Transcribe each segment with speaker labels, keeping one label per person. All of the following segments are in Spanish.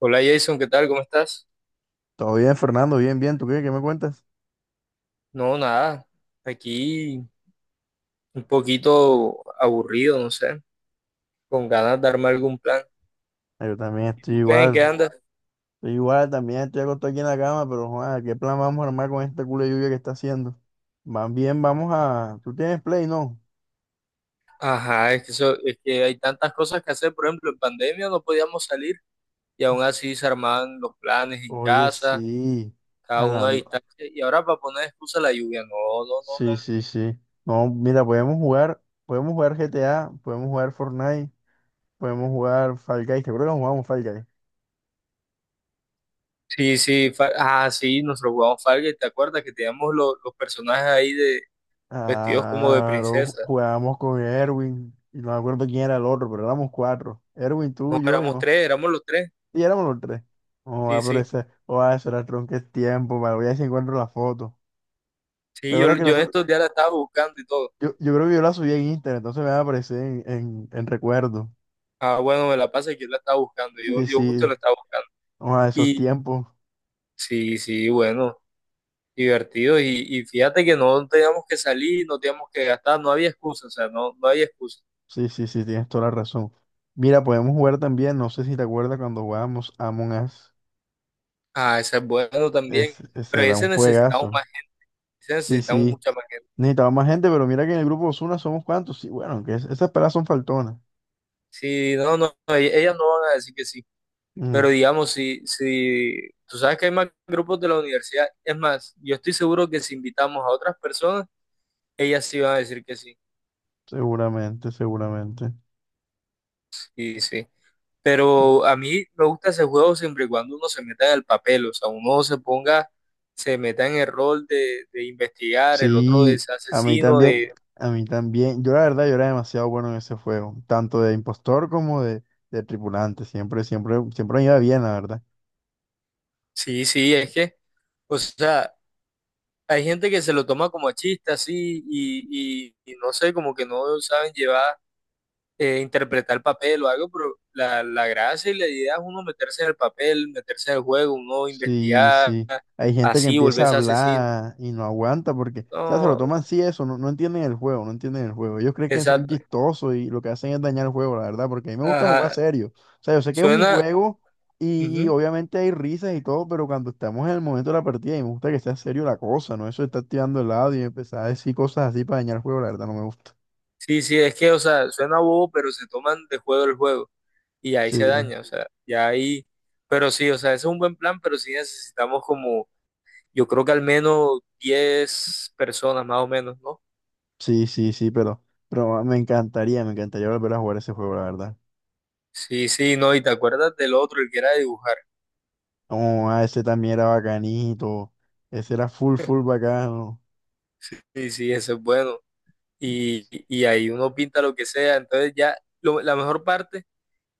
Speaker 1: Hola Jason, ¿qué tal? ¿Cómo estás?
Speaker 2: Todo bien, Fernando, bien, bien. ¿Tú qué? ¿Qué me cuentas?
Speaker 1: No, nada. Aquí un poquito aburrido, no sé, con ganas de armar algún plan.
Speaker 2: Ah, yo también
Speaker 1: ¿Y
Speaker 2: estoy
Speaker 1: tú qué? ¿En qué
Speaker 2: igual.
Speaker 1: andas?
Speaker 2: Estoy igual, también estoy acostado aquí en la cama, pero joder, ¿qué plan vamos a armar con esta culo de lluvia que está haciendo? Más bien, ¿Tú tienes play, no?
Speaker 1: Ajá, es que, eso, es que hay tantas cosas que hacer. Por ejemplo, en pandemia no podíamos salir y aún así se armaban los planes en
Speaker 2: Oye,
Speaker 1: casa,
Speaker 2: sí.
Speaker 1: cada uno a
Speaker 2: Hablando.
Speaker 1: distancia. Y ahora para poner excusa la lluvia, no, no, no,
Speaker 2: Sí,
Speaker 1: no, no.
Speaker 2: sí, sí. No, mira, podemos jugar GTA, podemos jugar Fortnite, podemos jugar Fall Guys. ¿Te acuerdas que jugamos Fall Guys?
Speaker 1: Sí, sí, sí, nosotros jugamos Falga, ¿te acuerdas que teníamos los personajes ahí de vestidos como de
Speaker 2: Claro,
Speaker 1: princesa?
Speaker 2: jugábamos con Erwin, y no me acuerdo quién era el otro, pero éramos cuatro. Erwin, tú,
Speaker 1: No, éramos
Speaker 2: yo.
Speaker 1: tres, éramos los tres.
Speaker 2: Y éramos los tres. Oh, ah,
Speaker 1: Sí,
Speaker 2: pero
Speaker 1: sí.
Speaker 2: eso era tronque tiempo, vale, voy a ver si encuentro la foto. ¿Te
Speaker 1: Sí,
Speaker 2: acuerdas
Speaker 1: yo,
Speaker 2: que
Speaker 1: yo en
Speaker 2: nosotros,
Speaker 1: estos días la estaba buscando y todo.
Speaker 2: yo, yo creo que yo la subí en Instagram, entonces me va a aparecer en recuerdo.
Speaker 1: Ah, bueno, me la pasa que yo la estaba buscando. Yo,
Speaker 2: Sí,
Speaker 1: yo justo
Speaker 2: sí,
Speaker 1: la estaba buscando.
Speaker 2: oh, ah, esos
Speaker 1: Y
Speaker 2: tiempos.
Speaker 1: sí, sí, bueno, divertido. Y fíjate que no teníamos que salir, no teníamos que gastar, no había excusa, o sea, no había excusa.
Speaker 2: Sí, sí, sí, tienes toda la razón. Mira, podemos jugar también, no sé si te acuerdas cuando jugábamos Among Us,
Speaker 1: Ah, ese es bueno también.
Speaker 2: ese
Speaker 1: Pero
Speaker 2: era un
Speaker 1: ese necesitamos
Speaker 2: juegazo.
Speaker 1: más, ese
Speaker 2: Sí,
Speaker 1: necesitamos
Speaker 2: sí,
Speaker 1: mucha más gente.
Speaker 2: necesitaba más gente, pero mira que en el grupo Osuna somos cuantos. Sí, bueno, que esas pelas son faltonas.
Speaker 1: Sí, no, no, no, ellas no van a decir que sí. Pero
Speaker 2: Mm,
Speaker 1: digamos, si tú sabes que hay más grupos de la universidad, es más, yo estoy seguro que si invitamos a otras personas, ellas sí van a decir que sí.
Speaker 2: Seguramente, seguramente.
Speaker 1: Sí, sí. Pero a mí me gusta ese juego siempre y cuando uno se meta en el papel, o sea, uno se ponga, se meta en el rol de investigar, el otro de
Speaker 2: Sí,
Speaker 1: ese
Speaker 2: a mí
Speaker 1: asesino,
Speaker 2: también,
Speaker 1: de.
Speaker 2: a mí también. Yo la verdad, yo era demasiado bueno en ese juego, tanto de impostor como de tripulante. Siempre, siempre, siempre me iba bien, la verdad.
Speaker 1: Sí, sí, es que, o sea, hay gente que se lo toma como a chiste así y no sé, como que no saben llevar, interpretar el papel o algo, pero la gracia y la idea es uno meterse en el papel, meterse en el juego, uno
Speaker 2: Sí,
Speaker 1: investigar,
Speaker 2: sí. Hay gente que
Speaker 1: así,
Speaker 2: empieza a
Speaker 1: volverse asesino.
Speaker 2: hablar y no aguanta porque, o sea, se lo
Speaker 1: No,
Speaker 2: toman así eso, no, no entienden el juego, no entienden el juego. Ellos creen que son
Speaker 1: exacto.
Speaker 2: chistosos y lo que hacen es dañar el juego, la verdad, porque a mí me gusta jugar
Speaker 1: Ajá.
Speaker 2: serio. O sea, yo sé que es un
Speaker 1: Suena.
Speaker 2: juego y
Speaker 1: Ujú.
Speaker 2: obviamente hay risas y todo, pero cuando estamos en el momento de la partida y me gusta que sea serio la cosa, ¿no? Eso de estar tirando el lado y empezar a decir cosas así para dañar el juego, la verdad, no me gusta.
Speaker 1: Sí, sí, es que, o sea, suena bobo, pero se toman de juego el juego y ahí se
Speaker 2: Sí,
Speaker 1: daña, o sea, ya ahí, pero sí, o sea, ese es un buen plan, pero sí necesitamos como, yo creo que al menos 10 personas más o menos, ¿no?
Speaker 2: sí, sí, sí, pero me encantaría volver a jugar ese juego, la verdad.
Speaker 1: Sí, sí, no, y te acuerdas del otro, el que era dibujar,
Speaker 2: Oh, ah, ese también era bacanito. Ese era full, full bacano.
Speaker 1: sí, sí, ese es bueno, y ahí uno pinta lo que sea, entonces ya, la mejor parte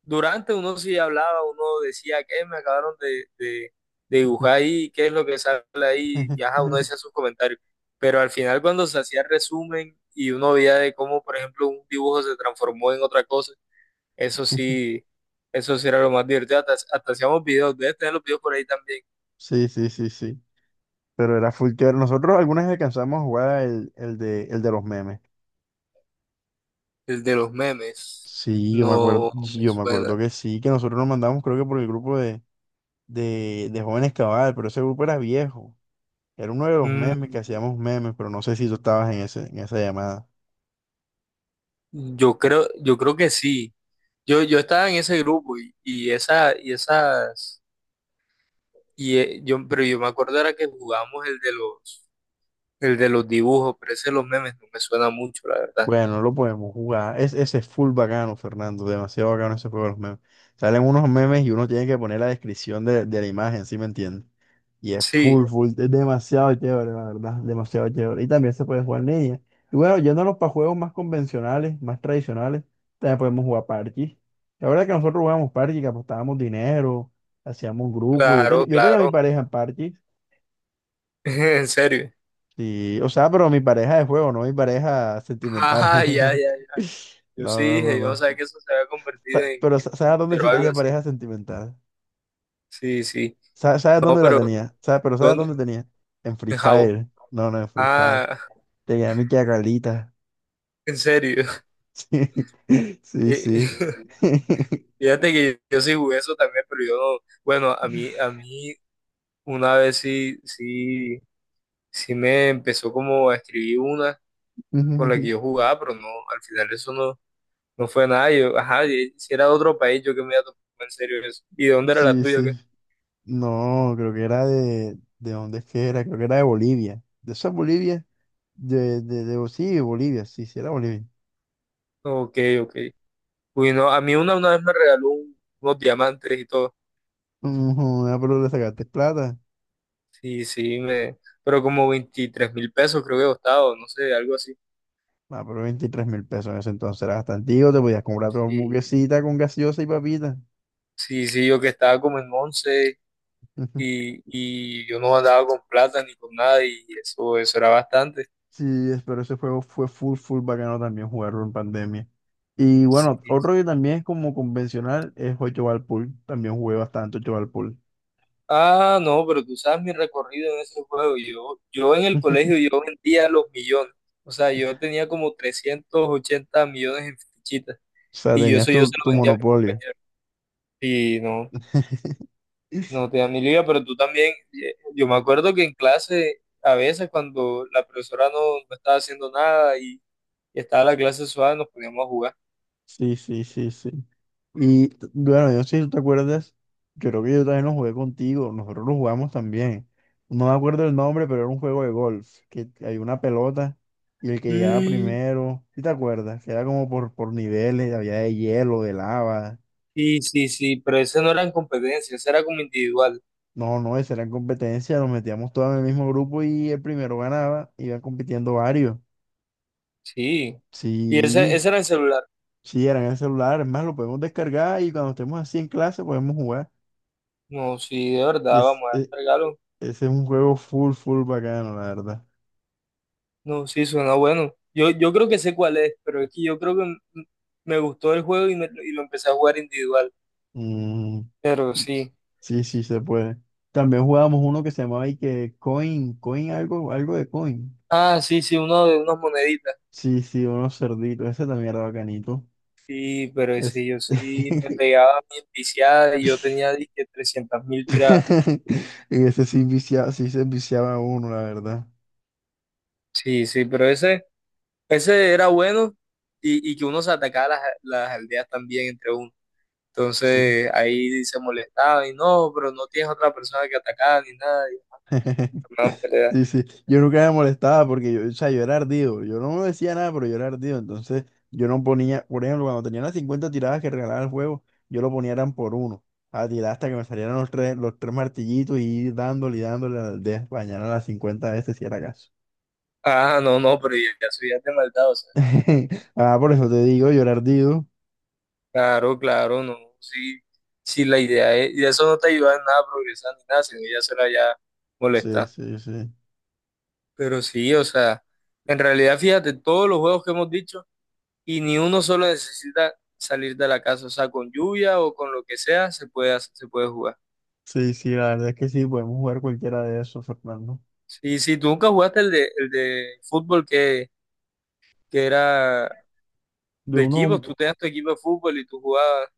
Speaker 1: durante uno sí hablaba, uno decía que me acabaron de, de dibujar ahí, qué es lo que sale ahí, y ajá, uno decía sus comentarios. Pero al final cuando se hacía el resumen y uno veía de cómo, por ejemplo, un dibujo se transformó en otra cosa, eso sí, eso sí era lo más divertido. Hasta hacíamos videos, debes tener los videos por ahí también.
Speaker 2: Sí, sí, sí, sí. Pero era full chévere. Nosotros algunas vez alcanzamos a jugar el de los memes.
Speaker 1: El de los memes,
Speaker 2: Sí, yo me acuerdo,
Speaker 1: no
Speaker 2: sí,
Speaker 1: me
Speaker 2: yo me
Speaker 1: suena.
Speaker 2: acuerdo que sí, que nosotros nos mandamos, creo que por el grupo de jóvenes cabal, pero ese grupo era viejo. Era uno de los
Speaker 1: Mm,
Speaker 2: memes que hacíamos memes, pero no sé si tú estabas en ese, en esa llamada.
Speaker 1: yo creo que sí. Yo estaba en ese grupo y esa, y esas. Pero yo me acuerdo era que jugamos el de los dibujos, pero ese de los memes no me suena mucho, la verdad.
Speaker 2: Bueno, no lo podemos jugar. Ese es full bacano, Fernando. Demasiado bacano ese juego de los memes. Salen unos memes y uno tiene que poner la descripción de la imagen, ¿sí me entiendes? Y es
Speaker 1: Sí,
Speaker 2: full, full. Es demasiado chévere, la verdad. Demasiado chévere. Y también se puede jugar en línea. Y bueno, yéndonos para juegos más convencionales, más tradicionales, también podemos jugar parches. La verdad es que nosotros jugábamos parches, que apostábamos dinero, hacíamos grupos. Yo, tenía
Speaker 1: claro,
Speaker 2: yo tenía mi
Speaker 1: claro.
Speaker 2: pareja en parches.
Speaker 1: En serio.
Speaker 2: Sí, o sea, pero mi pareja de juego, no mi pareja sentimental.
Speaker 1: Ajá, ya, ya, ya. Yo
Speaker 2: No,
Speaker 1: sí
Speaker 2: no, no,
Speaker 1: dije, yo no
Speaker 2: no.
Speaker 1: sabía que eso se había convertido en,
Speaker 2: Pero
Speaker 1: en
Speaker 2: ¿sabes dónde
Speaker 1: Tinder o
Speaker 2: sí
Speaker 1: algo
Speaker 2: tenía
Speaker 1: así.
Speaker 2: pareja sentimental?
Speaker 1: Sí, sí.
Speaker 2: ¿Sabes
Speaker 1: No,
Speaker 2: dónde la
Speaker 1: pero
Speaker 2: tenía? ¿Sabes? Pero ¿sabes
Speaker 1: ¿dónde?
Speaker 2: dónde tenía? En Free
Speaker 1: En Jabo.
Speaker 2: Fire. No, no, en Free Fire.
Speaker 1: Ah,
Speaker 2: Tenía a mi y a Carlita.
Speaker 1: en serio.
Speaker 2: Sí, sí,
Speaker 1: Eh,
Speaker 2: sí.
Speaker 1: Fíjate que yo sí jugué eso también, pero yo no. Bueno, a mí una vez sí, sí, sí me empezó como a escribir una. Con la que yo jugaba, pero no, al final eso no fue nada. Yo, ajá, y si era de otro país, yo que me iba a tomar en serio eso. ¿Y de dónde era la
Speaker 2: Sí,
Speaker 1: tuya?
Speaker 2: sí.
Speaker 1: ¿Qué?
Speaker 2: No, creo que era de. ¿De dónde es que era? Creo que era de Bolivia. ¿De esa Bolivia? Sí, Bolivia. Sí, sí, era Bolivia.
Speaker 1: Ok, ok. Uy, no, a mí una vez me regaló unos diamantes y todo.
Speaker 2: Ujú, ah, pero le sacaste plata.
Speaker 1: Sí, sí, pero como 23.000 pesos creo que costaba, o no sé, algo así.
Speaker 2: Ah, pero $23.000 en ese entonces era bastante. Te podías comprar tu
Speaker 1: Y,
Speaker 2: hamburguesita con gaseosa y papita.
Speaker 1: sí, sí, yo que estaba como en 11 y yo no andaba con plata ni con nada y eso era bastante.
Speaker 2: Sí, pero ese juego fue full, full bacano también jugarlo en pandemia. Y
Speaker 1: Sí,
Speaker 2: bueno, otro que también es como convencional es 8 Ball Pool. También jugué bastante 8 Ball Pool.
Speaker 1: ah, no, pero tú sabes mi recorrido en ese juego. Yo en el colegio yo vendía los millones. O sea, yo tenía como 380 millones en fichitas.
Speaker 2: O sea,
Speaker 1: Y yo
Speaker 2: tenías
Speaker 1: eso yo
Speaker 2: tu,
Speaker 1: se lo
Speaker 2: tu
Speaker 1: vendía a mis
Speaker 2: monopolio.
Speaker 1: compañeros. Y no, no te dan ni liga, pero tú también, yo me acuerdo que en clase, a veces cuando la profesora no estaba haciendo nada y estaba la clase suave, nos poníamos a jugar.
Speaker 2: Sí, sí, sí, sí. Y bueno, yo sí, ¿te acuerdas? Yo creo que yo también lo jugué contigo, nosotros lo jugamos también. No me acuerdo el nombre, pero era un juego de golf, que hay una pelota y el que llegaba
Speaker 1: Mm,
Speaker 2: primero, ¿sí te acuerdas? Que era como por niveles, había de hielo, de lava.
Speaker 1: sí, sí, sí, pero ese no era en competencia, ese era como individual.
Speaker 2: No, no, esa era competencia, nos metíamos todos en el mismo grupo y el primero ganaba, iban compitiendo varios.
Speaker 1: Sí. Y ese,
Speaker 2: Sí,
Speaker 1: ese era el celular.
Speaker 2: sí, eran en el celular, es más, lo podemos descargar y cuando estemos así en clase podemos jugar.
Speaker 1: No, sí, de
Speaker 2: Y
Speaker 1: verdad, vamos a descargarlo.
Speaker 2: ese es un juego full, full bacano, la verdad.
Speaker 1: No, sí, suena bueno. Yo creo que sé cuál es, pero es que yo creo que me gustó el juego y lo empecé a jugar individual.
Speaker 2: Mm,
Speaker 1: Pero sí.
Speaker 2: sí, sí, se puede. También jugábamos uno que se llamaba y que Coin, Coin algo, de Coin.
Speaker 1: Ah, sí, sí, uno de unas moneditas.
Speaker 2: Sí, sí, unos cerditos, ese también era bacanito.
Speaker 1: Sí, pero
Speaker 2: Es...
Speaker 1: ese yo sí me pegaba mi viciada y yo tenía dizque 300.000 tiradas.
Speaker 2: En ese sí, sí se viciaba uno, la verdad.
Speaker 1: Sí, sí, pero ese era bueno y que uno se atacaba las aldeas también entre uno.
Speaker 2: Sí.
Speaker 1: Entonces ahí se molestaba y no, pero no tienes otra persona que atacar ni nada. Y.
Speaker 2: Sí, sí. Yo nunca me molestaba porque yo, o sea, yo era ardido. Yo no me decía nada, pero yo era ardido. Entonces, yo no ponía, por ejemplo, cuando tenía las 50 tiradas que regalaba el juego, yo lo ponía eran por uno. A tirar hasta que me salieran los tres martillitos y ir dándole y dándole al de mañana a las 50 veces si era caso.
Speaker 1: Ah, no, no, pero ya, ya eso ya es de maldad, o sea.
Speaker 2: Ah, por eso te digo, yo era ardido.
Speaker 1: Claro, claro, no. Sí, sí, la idea es, y eso no te ayuda en nada a progresar ni nada, sino ya será ya
Speaker 2: Sí,
Speaker 1: molestar.
Speaker 2: sí, sí.
Speaker 1: Pero sí, o sea, en realidad, fíjate, todos los juegos que hemos dicho, y ni uno solo necesita salir de la casa, o sea, con lluvia o con lo que sea, se puede jugar.
Speaker 2: Sí, sí, la verdad es que sí, podemos jugar cualquiera de esos, Fernando.
Speaker 1: Sí, sí, tú nunca jugaste el de fútbol que era
Speaker 2: De
Speaker 1: de equipos,
Speaker 2: uno,
Speaker 1: tú tenías tu equipo de fútbol y tú jugabas.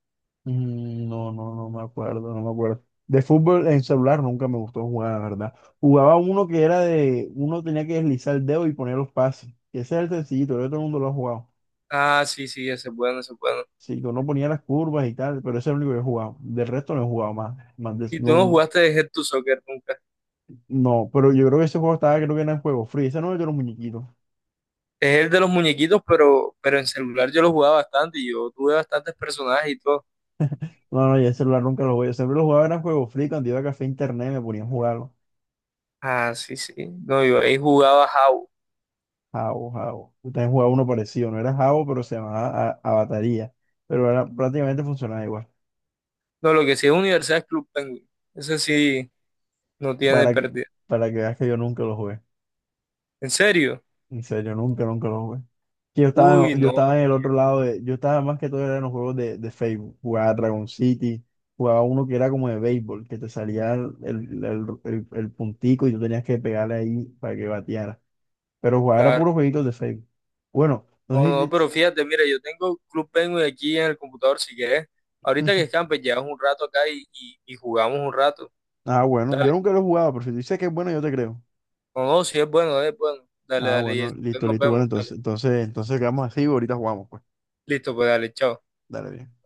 Speaker 2: no, no, no me acuerdo, no me acuerdo. De fútbol en celular nunca me gustó jugar, la verdad. Jugaba uno que era de, uno tenía que deslizar el dedo y poner los pases, que ese es el sencillito, el otro mundo lo ha jugado.
Speaker 1: Ah, sí, sí, ese es bueno, ese es bueno.
Speaker 2: Sí, que uno ponía las curvas y tal, pero ese es el único que he jugado. Del resto no he jugado más.
Speaker 1: Y tú no
Speaker 2: No,
Speaker 1: jugaste de Head to Soccer nunca.
Speaker 2: no, pero yo creo que ese juego estaba, creo que era en juego free. Ese no era de los muñequitos.
Speaker 1: Es el de los muñequitos, pero en celular yo lo jugaba bastante y yo tuve bastantes personajes y todo.
Speaker 2: No, no, yo el celular nunca lo jugué. Yo siempre lo jugaba era en juego free. Cuando iba a café internet me ponía a jugar
Speaker 1: Ah, sí, sí. No, yo ahí jugaba How.
Speaker 2: Jabo, Jabo. Yo también jugaba uno parecido, no era Jabo, pero se llamaba Avataría. Pero era, prácticamente funcionaba igual.
Speaker 1: No, lo que sí es Universidad es Club Penguin. Ese sí no tiene
Speaker 2: Para que,
Speaker 1: pérdida.
Speaker 2: para que veas que yo nunca lo jugué.
Speaker 1: ¿En serio?
Speaker 2: En serio, nunca, nunca lo jugué. Que yo estaba,
Speaker 1: Uy,
Speaker 2: en- yo estaba
Speaker 1: no,
Speaker 2: en el otro lado de, yo estaba más que todo era en los juegos de Facebook. Jugaba Dragon City, jugaba uno que era como de béisbol, que te salía el puntico y tú tenías que pegarle ahí para que bateara. Pero jugaba era
Speaker 1: claro.
Speaker 2: puros jueguitos de Facebook. Bueno, no
Speaker 1: No, no,
Speaker 2: sé.
Speaker 1: pero fíjate, mira, yo tengo Club Penguin aquí en el computador si quieres. Ahorita que escampes, llevas un rato acá y jugamos un rato.
Speaker 2: Ah, bueno,
Speaker 1: Dale.
Speaker 2: yo nunca lo he jugado, pero si tú dices que es bueno, yo te creo.
Speaker 1: No, no, sí es bueno, es bueno. Dale,
Speaker 2: Ah,
Speaker 1: dale, y
Speaker 2: bueno, listo,
Speaker 1: nos
Speaker 2: listo.
Speaker 1: vemos,
Speaker 2: Bueno,
Speaker 1: dale.
Speaker 2: entonces quedamos así y ahorita jugamos, pues.
Speaker 1: Listo, pues dale, chao.
Speaker 2: Dale bien.